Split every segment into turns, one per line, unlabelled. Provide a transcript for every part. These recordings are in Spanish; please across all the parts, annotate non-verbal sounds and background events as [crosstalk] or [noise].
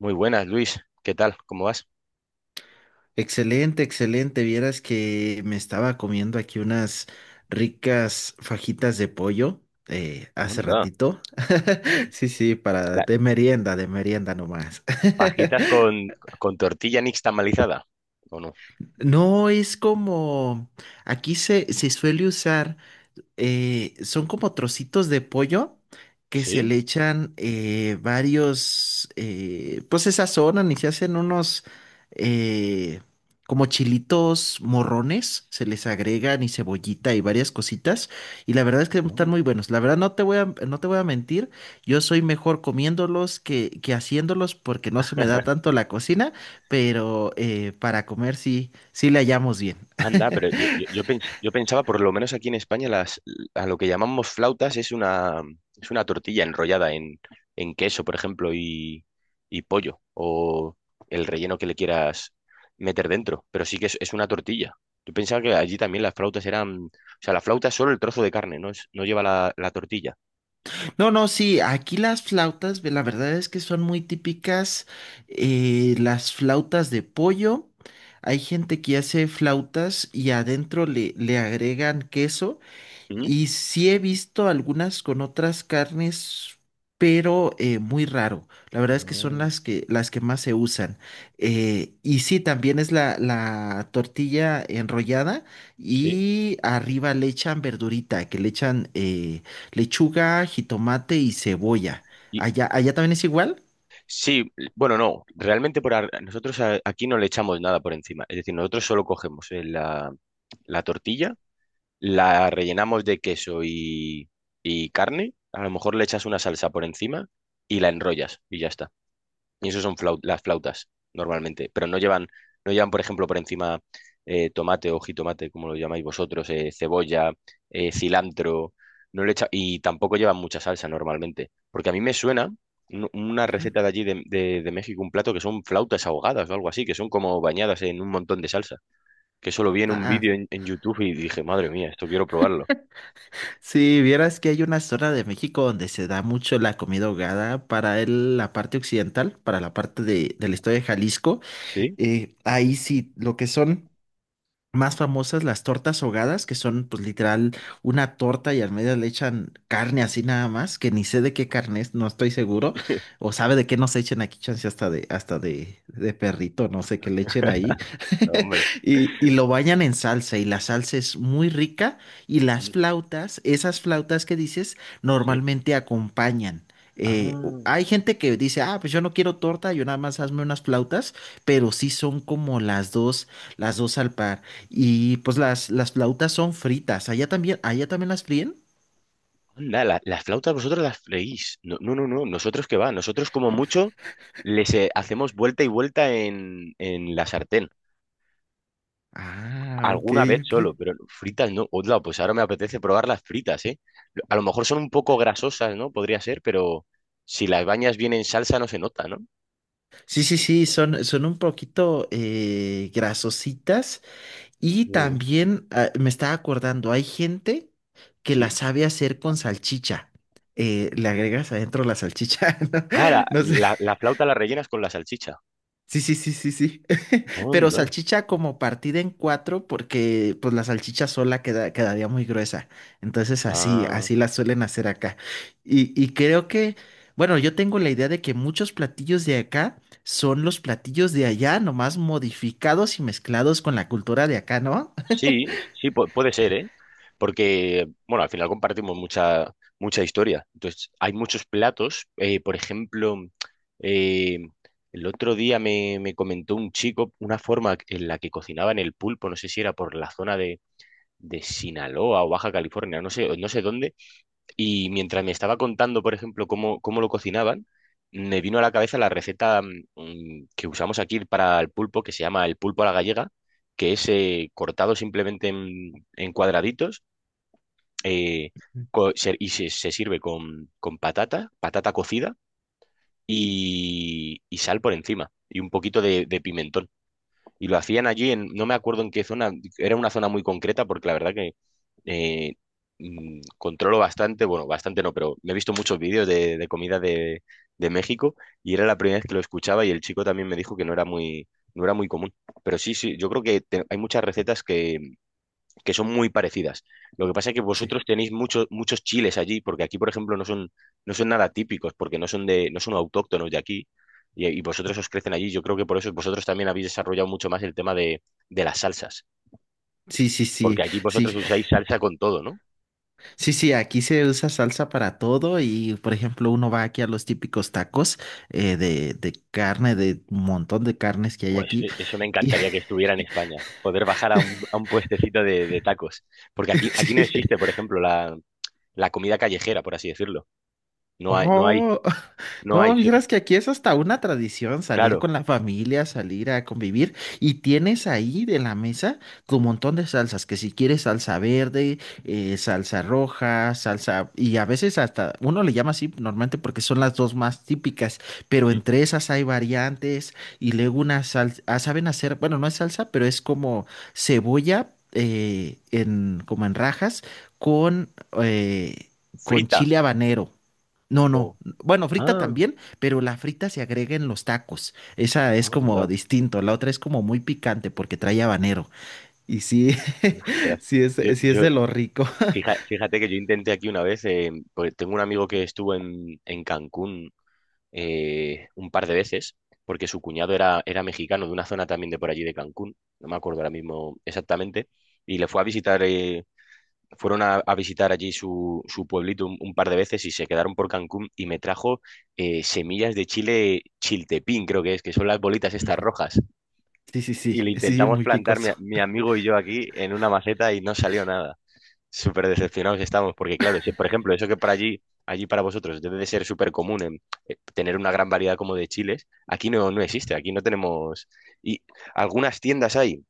Muy buenas, Luis. ¿Qué tal? ¿Cómo vas?
Excelente, excelente. Vieras que me estaba comiendo aquí unas ricas fajitas de pollo hace
Anda.
ratito. [laughs] Sí, sí, para
La-
de merienda nomás.
¿Fajitas
[laughs]
con tortilla nixtamalizada? ¿O no?
No es como aquí se suele usar. Son como trocitos de pollo que se
¿Sí?
le echan varios, pues se sazonan y se hacen unos eh, como chilitos morrones, se les agregan y cebollita y varias cositas y la verdad es que
Ah.
están muy buenos. La verdad no te voy a mentir, yo soy mejor comiéndolos que haciéndolos porque no se me da tanto la cocina, pero para comer sí, sí le hallamos bien.
Anda, pero yo pensaba, por lo menos aquí en España, a lo que llamamos flautas es una tortilla enrollada en queso, por ejemplo, y pollo, o el relleno que le quieras meter dentro, pero sí que es una tortilla. Yo pensaba que allí también las flautas eran, o sea, la flauta es solo el trozo de carne, no, no lleva la tortilla.
No, no, sí, aquí las flautas, ve, la verdad es que son muy típicas las flautas de pollo. Hay gente que hace flautas y adentro le agregan queso
¿Mm?
y sí he visto algunas con otras carnes, pero muy raro. La verdad es que son
Ah.
las que más se usan. Y sí, también es la tortilla enrollada
Sí.
y arriba le echan verdurita, que le echan lechuga, jitomate y cebolla.
Y,
Allá, allá también es igual.
sí, bueno, no, realmente aquí no le echamos nada por encima. Es decir, nosotros solo cogemos la tortilla, la rellenamos de queso y carne, a lo mejor le echas una salsa por encima y la enrollas y ya está. Y eso son las flautas, normalmente. Pero no llevan, por ejemplo, por encima, tomate o jitomate, como lo llamáis vosotros, cebolla, cilantro. Y tampoco llevan mucha salsa normalmente. Porque a mí me suena una
Ujú.
receta de allí de México, un plato que son flautas ahogadas o algo así, que son como bañadas en un montón de salsa. Que solo vi en
Ah,
un
ah,
vídeo en YouTube y dije, madre mía, esto quiero probarlo.
sí, vieras que hay una zona de México donde se da mucho la comida ahogada para el- la parte occidental, para la parte de, del estado de Jalisco.
¿Sí?
Ahí sí, lo que son más famosas las tortas ahogadas, que son pues literal una torta y al medio le echan carne así nada más, que ni sé de qué carne es, no estoy seguro,
[laughs]
o sabe de qué nos echen aquí, chance hasta de, de perrito, no sé qué le echen ahí,
Hombre.
[laughs] y lo bañan en salsa y la salsa es muy rica y las
Sí.
flautas, esas flautas que dices,
Sí.
normalmente acompañan.
Ah.
Hay gente que dice, ah, pues yo no quiero torta, yo nada más hazme unas flautas, pero sí son como las dos al par. Y pues las flautas son fritas. Allá también las fríen?
Anda, las flautas vosotros las freís. No, no, no, no. Nosotros qué va. Nosotros como mucho les hacemos vuelta y vuelta en la sartén.
Ah, ok,
Alguna vez
ok.
solo, pero fritas no. Hola, pues ahora me apetece probar las fritas, ¿eh? A lo mejor son un poco grasosas, ¿no? Podría ser, pero si las bañas bien en salsa no se nota, ¿no?
Sí, sí, sí, son, son un poquito grasositas. Y
Uy,
también ah, me estaba acordando, hay gente que las
sí.
sabe hacer con salchicha. Le agregas adentro la salchicha, [laughs] ¿no?
Ah,
No sé.
la flauta la rellenas con la salchicha.
Sí, sí, sí, sí, sí. [laughs] Pero
Onda.
salchicha como partida en cuatro, porque pues la salchicha sola queda, quedaría muy gruesa. Entonces así,
Ah.
así la suelen hacer acá. Y creo que, bueno, yo tengo la idea de que muchos platillos de acá son los platillos de allá, nomás modificados y mezclados con la cultura de acá, ¿no?
Sí, sí, puede ser, ¿eh? Porque, bueno, al final compartimos mucha, mucha historia. Entonces, hay muchos platos. Por ejemplo, eh, el otro día me comentó un chico una forma en la que cocinaban el pulpo, no sé si era por la zona de Sinaloa o Baja California, no sé, no sé dónde, y mientras me estaba contando, por ejemplo, cómo lo cocinaban, me vino a la cabeza la receta que usamos aquí para el pulpo, que se llama el pulpo a la gallega, que es cortado simplemente en cuadraditos, eh, se sirve con patata, patata cocida y sal por encima y un poquito de pimentón. Y lo hacían allí en, no me acuerdo en qué zona, era una zona muy concreta porque la verdad que eh, controlo bastante, bueno, bastante no, pero me he visto muchos vídeos de comida de México y era la primera vez que lo escuchaba y el chico también me dijo que no era muy común. Pero sí, sí, yo creo que hay muchas recetas que son muy parecidas. Lo que pasa es que
Sí.
vosotros tenéis muchos muchos chiles allí, porque aquí, por ejemplo, no son nada típicos, porque no son autóctonos de aquí, y vosotros os crecen allí. Yo creo que por eso vosotros también habéis desarrollado mucho más el tema de las salsas,
Sí, sí,
porque
sí,
aquí
sí.
vosotros usáis salsa con todo, ¿no?
Sí, sí, aquí se usa salsa para todo y, por ejemplo, uno va aquí a los típicos tacos de carne, de un montón de carnes que hay
Pues
aquí.
eso me
Y,
encantaría que estuviera en España, poder bajar a un puestecito de tacos, porque
[laughs]
aquí, aquí no
sí.
existe, por ejemplo, la comida callejera, por así decirlo. No hay, no hay,
Oh, [laughs]
no
no,
hay,
vieras que aquí es hasta una tradición salir
claro,
con la familia, salir a convivir y tienes ahí de la mesa tu montón de salsas, que si quieres salsa verde, salsa roja, salsa y a veces hasta uno le llama así normalmente porque son las dos más típicas, pero
sí.
entre esas hay variantes y luego una salsa, saben hacer, bueno, no es salsa, pero es como cebolla como en rajas con, eh, con
Frita.
chile habanero. No,
O...
no. Bueno, frita
Ah.
también, pero la frita se agrega en los tacos. Esa es como
Anda,
distinto. La otra es como muy picante porque trae habanero. Y sí, [laughs]
ostras.
sí es,
Yo,
sí es
yo,
de lo rico.
fíjate que yo intenté aquí una vez, porque tengo un amigo que estuvo en Cancún un par de veces, porque su cuñado era mexicano de una zona también de por allí de Cancún, no me acuerdo ahora mismo exactamente, y le fue a visitar, fueron a visitar allí su pueblito un par de veces y se quedaron por Cancún y me trajo semillas de chile chiltepín, creo que es, que son las bolitas estas
Ujú.
rojas.
Sí, sí,
Y
sí,
le
sí,
intentamos
muy
plantar
picoso.
mi amigo y yo aquí en una maceta y no salió nada. Súper decepcionados estamos, porque claro, si, por ejemplo, eso que para allí, allí para vosotros debe de ser súper común en, tener una gran variedad como de chiles, aquí no existe, aquí no tenemos... Y algunas tiendas hay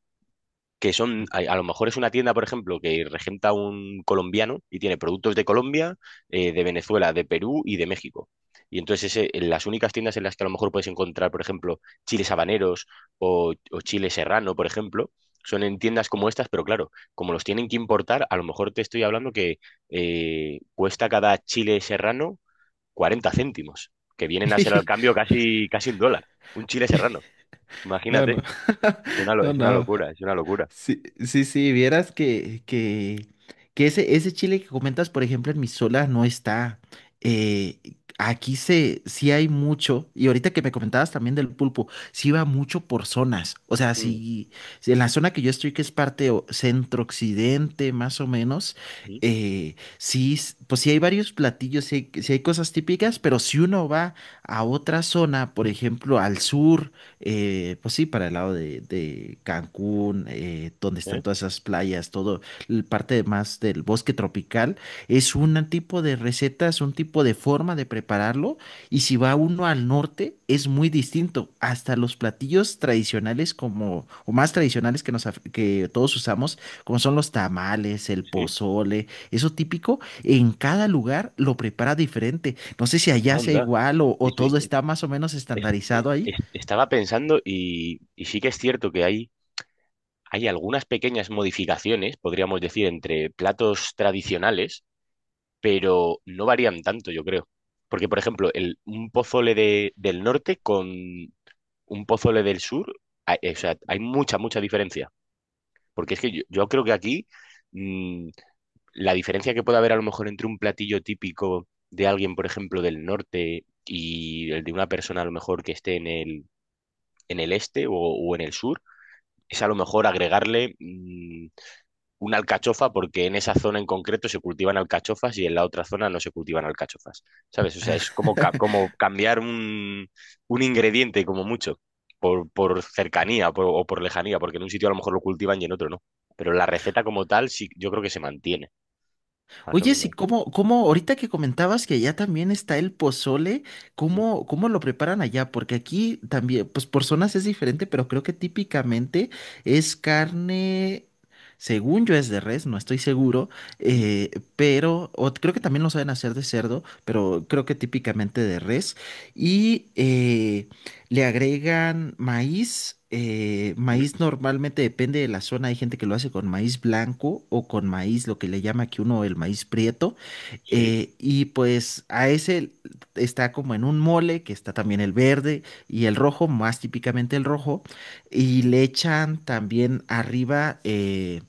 que son, a lo mejor es una tienda, por ejemplo, que regenta un colombiano y tiene productos de Colombia, de Venezuela, de Perú y de México. Y entonces en las únicas tiendas en las que a lo mejor puedes encontrar, por ejemplo, chiles habaneros o chile serrano, por ejemplo, son en tiendas como estas, pero claro, como los tienen que importar, a lo mejor te estoy hablando que cuesta cada chile serrano 40 céntimos, que vienen a ser al
[laughs]
cambio casi, casi un dólar, un chile serrano.
No,
Imagínate,
no, [laughs] no,
es una
no.
locura, es una locura.
Sí, sí, sí, vieras que ese chile que comentas, por ejemplo, en Misola no está. Eh, sí hay mucho, y ahorita que me comentabas también del pulpo, sí va mucho por zonas. O sea, si, si en la zona que yo estoy, que es parte o- centro-occidente, más o menos,
Mm.
pues sí hay varios platillos, sí hay cosas típicas, pero si uno va a otra zona, por ejemplo, al sur, pues sí, para el lado de Cancún, donde
¿Eh?
están todas esas playas, todo, el parte más del bosque tropical, es un tipo de recetas, un tipo de forma de prepararlo. Y si va uno al norte, es muy distinto. Hasta los platillos tradicionales como, o más tradicionales que todos usamos, como son los tamales, el
Sí,
pozole, eso típico, en cada lugar lo prepara diferente. No sé si allá sea
anda.
igual o
Es-
todo
es-
está más o menos
es-
estandarizado ahí.
Estaba pensando y sí que es cierto que hay algunas pequeñas modificaciones, podríamos decir, entre platos tradicionales, pero no varían tanto, yo creo. Porque, por ejemplo, el, un pozole del norte con un pozole del sur, hay, o sea, hay mucha, mucha diferencia. Porque es que yo creo que aquí, mm, la diferencia que puede haber a lo mejor entre un platillo típico de alguien, por ejemplo, del norte y el de una persona a lo mejor que esté en el este o en el sur, es a lo mejor agregarle una alcachofa porque en esa zona en concreto se cultivan alcachofas y en la otra zona no se cultivan alcachofas, ¿sabes? O sea, es como, como cambiar un ingrediente como mucho. Por cercanía o por lejanía, porque en un sitio a lo mejor lo cultivan y en otro no. Pero la receta como tal, sí, yo creo que se mantiene, más o
Oye, sí,
menos.
¿cómo, cómo, ahorita que comentabas que allá también está el pozole,
¿Mm?
cómo, cómo lo preparan allá? Porque aquí también, pues por zonas es diferente, pero creo que típicamente es carne, según yo es de res, no estoy seguro,
¿Mm?
eh, pero, o creo que también lo saben hacer de cerdo, pero creo que típicamente de res. Y le agregan maíz,
Mm.
maíz normalmente depende de la zona, hay gente que lo hace con maíz blanco o con maíz, lo que le llama aquí uno el maíz prieto,
Sí.
y pues a ese está como en un mole, que está también el verde y el rojo, más típicamente el rojo, y
Mm.
le echan también arriba...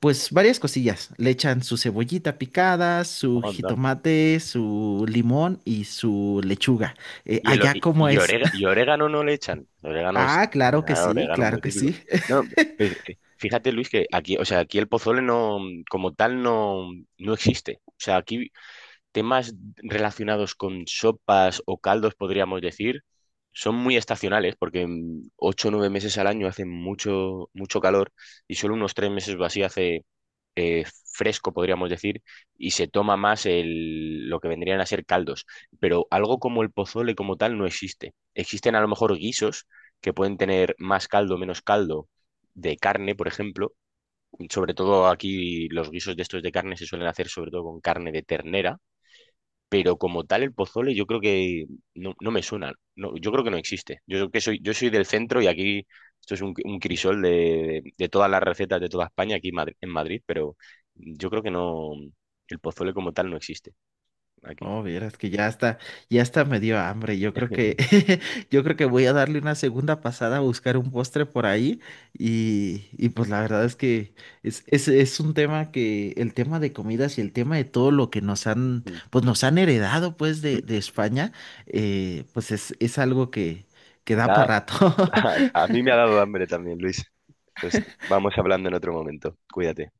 pues varias cosillas. Le echan su cebollita picada, su
Anda.
jitomate, su limón y su lechuga.
Y, el, o-
Allá, ¿cómo
y
es?
orega- y orégano no le echan. Orégano sí.
Ah, claro que
Ah,
sí,
orégano es
claro
muy
que
típico.
sí. [laughs]
No, fíjate, Luis, que aquí, o sea, aquí el pozole como tal, no existe. O sea, aquí temas relacionados con sopas o caldos, podríamos decir, son muy estacionales, porque 8 o 9 meses al año hace mucho, mucho calor y solo unos 3 meses o así hace. Eh, fresco, podríamos decir, y se toma más el, lo que vendrían a ser caldos. Pero algo como el pozole como tal no existe. Existen a lo mejor guisos que pueden tener más caldo, menos caldo de carne, por ejemplo. Sobre todo aquí los guisos de estos de carne se suelen hacer sobre todo con carne de ternera, pero como tal el pozole yo creo que no me suena. No, yo creo que no existe. Yo creo que soy, yo soy del centro y aquí esto es un crisol de todas las recetas de toda España aquí en Madrid, pero yo creo que no, el pozole como tal no existe aquí.
Oh, vieras que ya está me dio hambre. Yo creo que, [laughs] yo creo que voy a darle una segunda pasada a buscar un postre por ahí. Y pues la verdad es que es un tema que, el tema de comidas y el tema de todo lo que nos han,
Ujú.
pues nos han heredado pues de España, pues es algo que da
Da-
para rato.
[laughs] a
[laughs]
mí me ha dado hambre también, Luis. Pues vamos hablando en otro momento. Cuídate.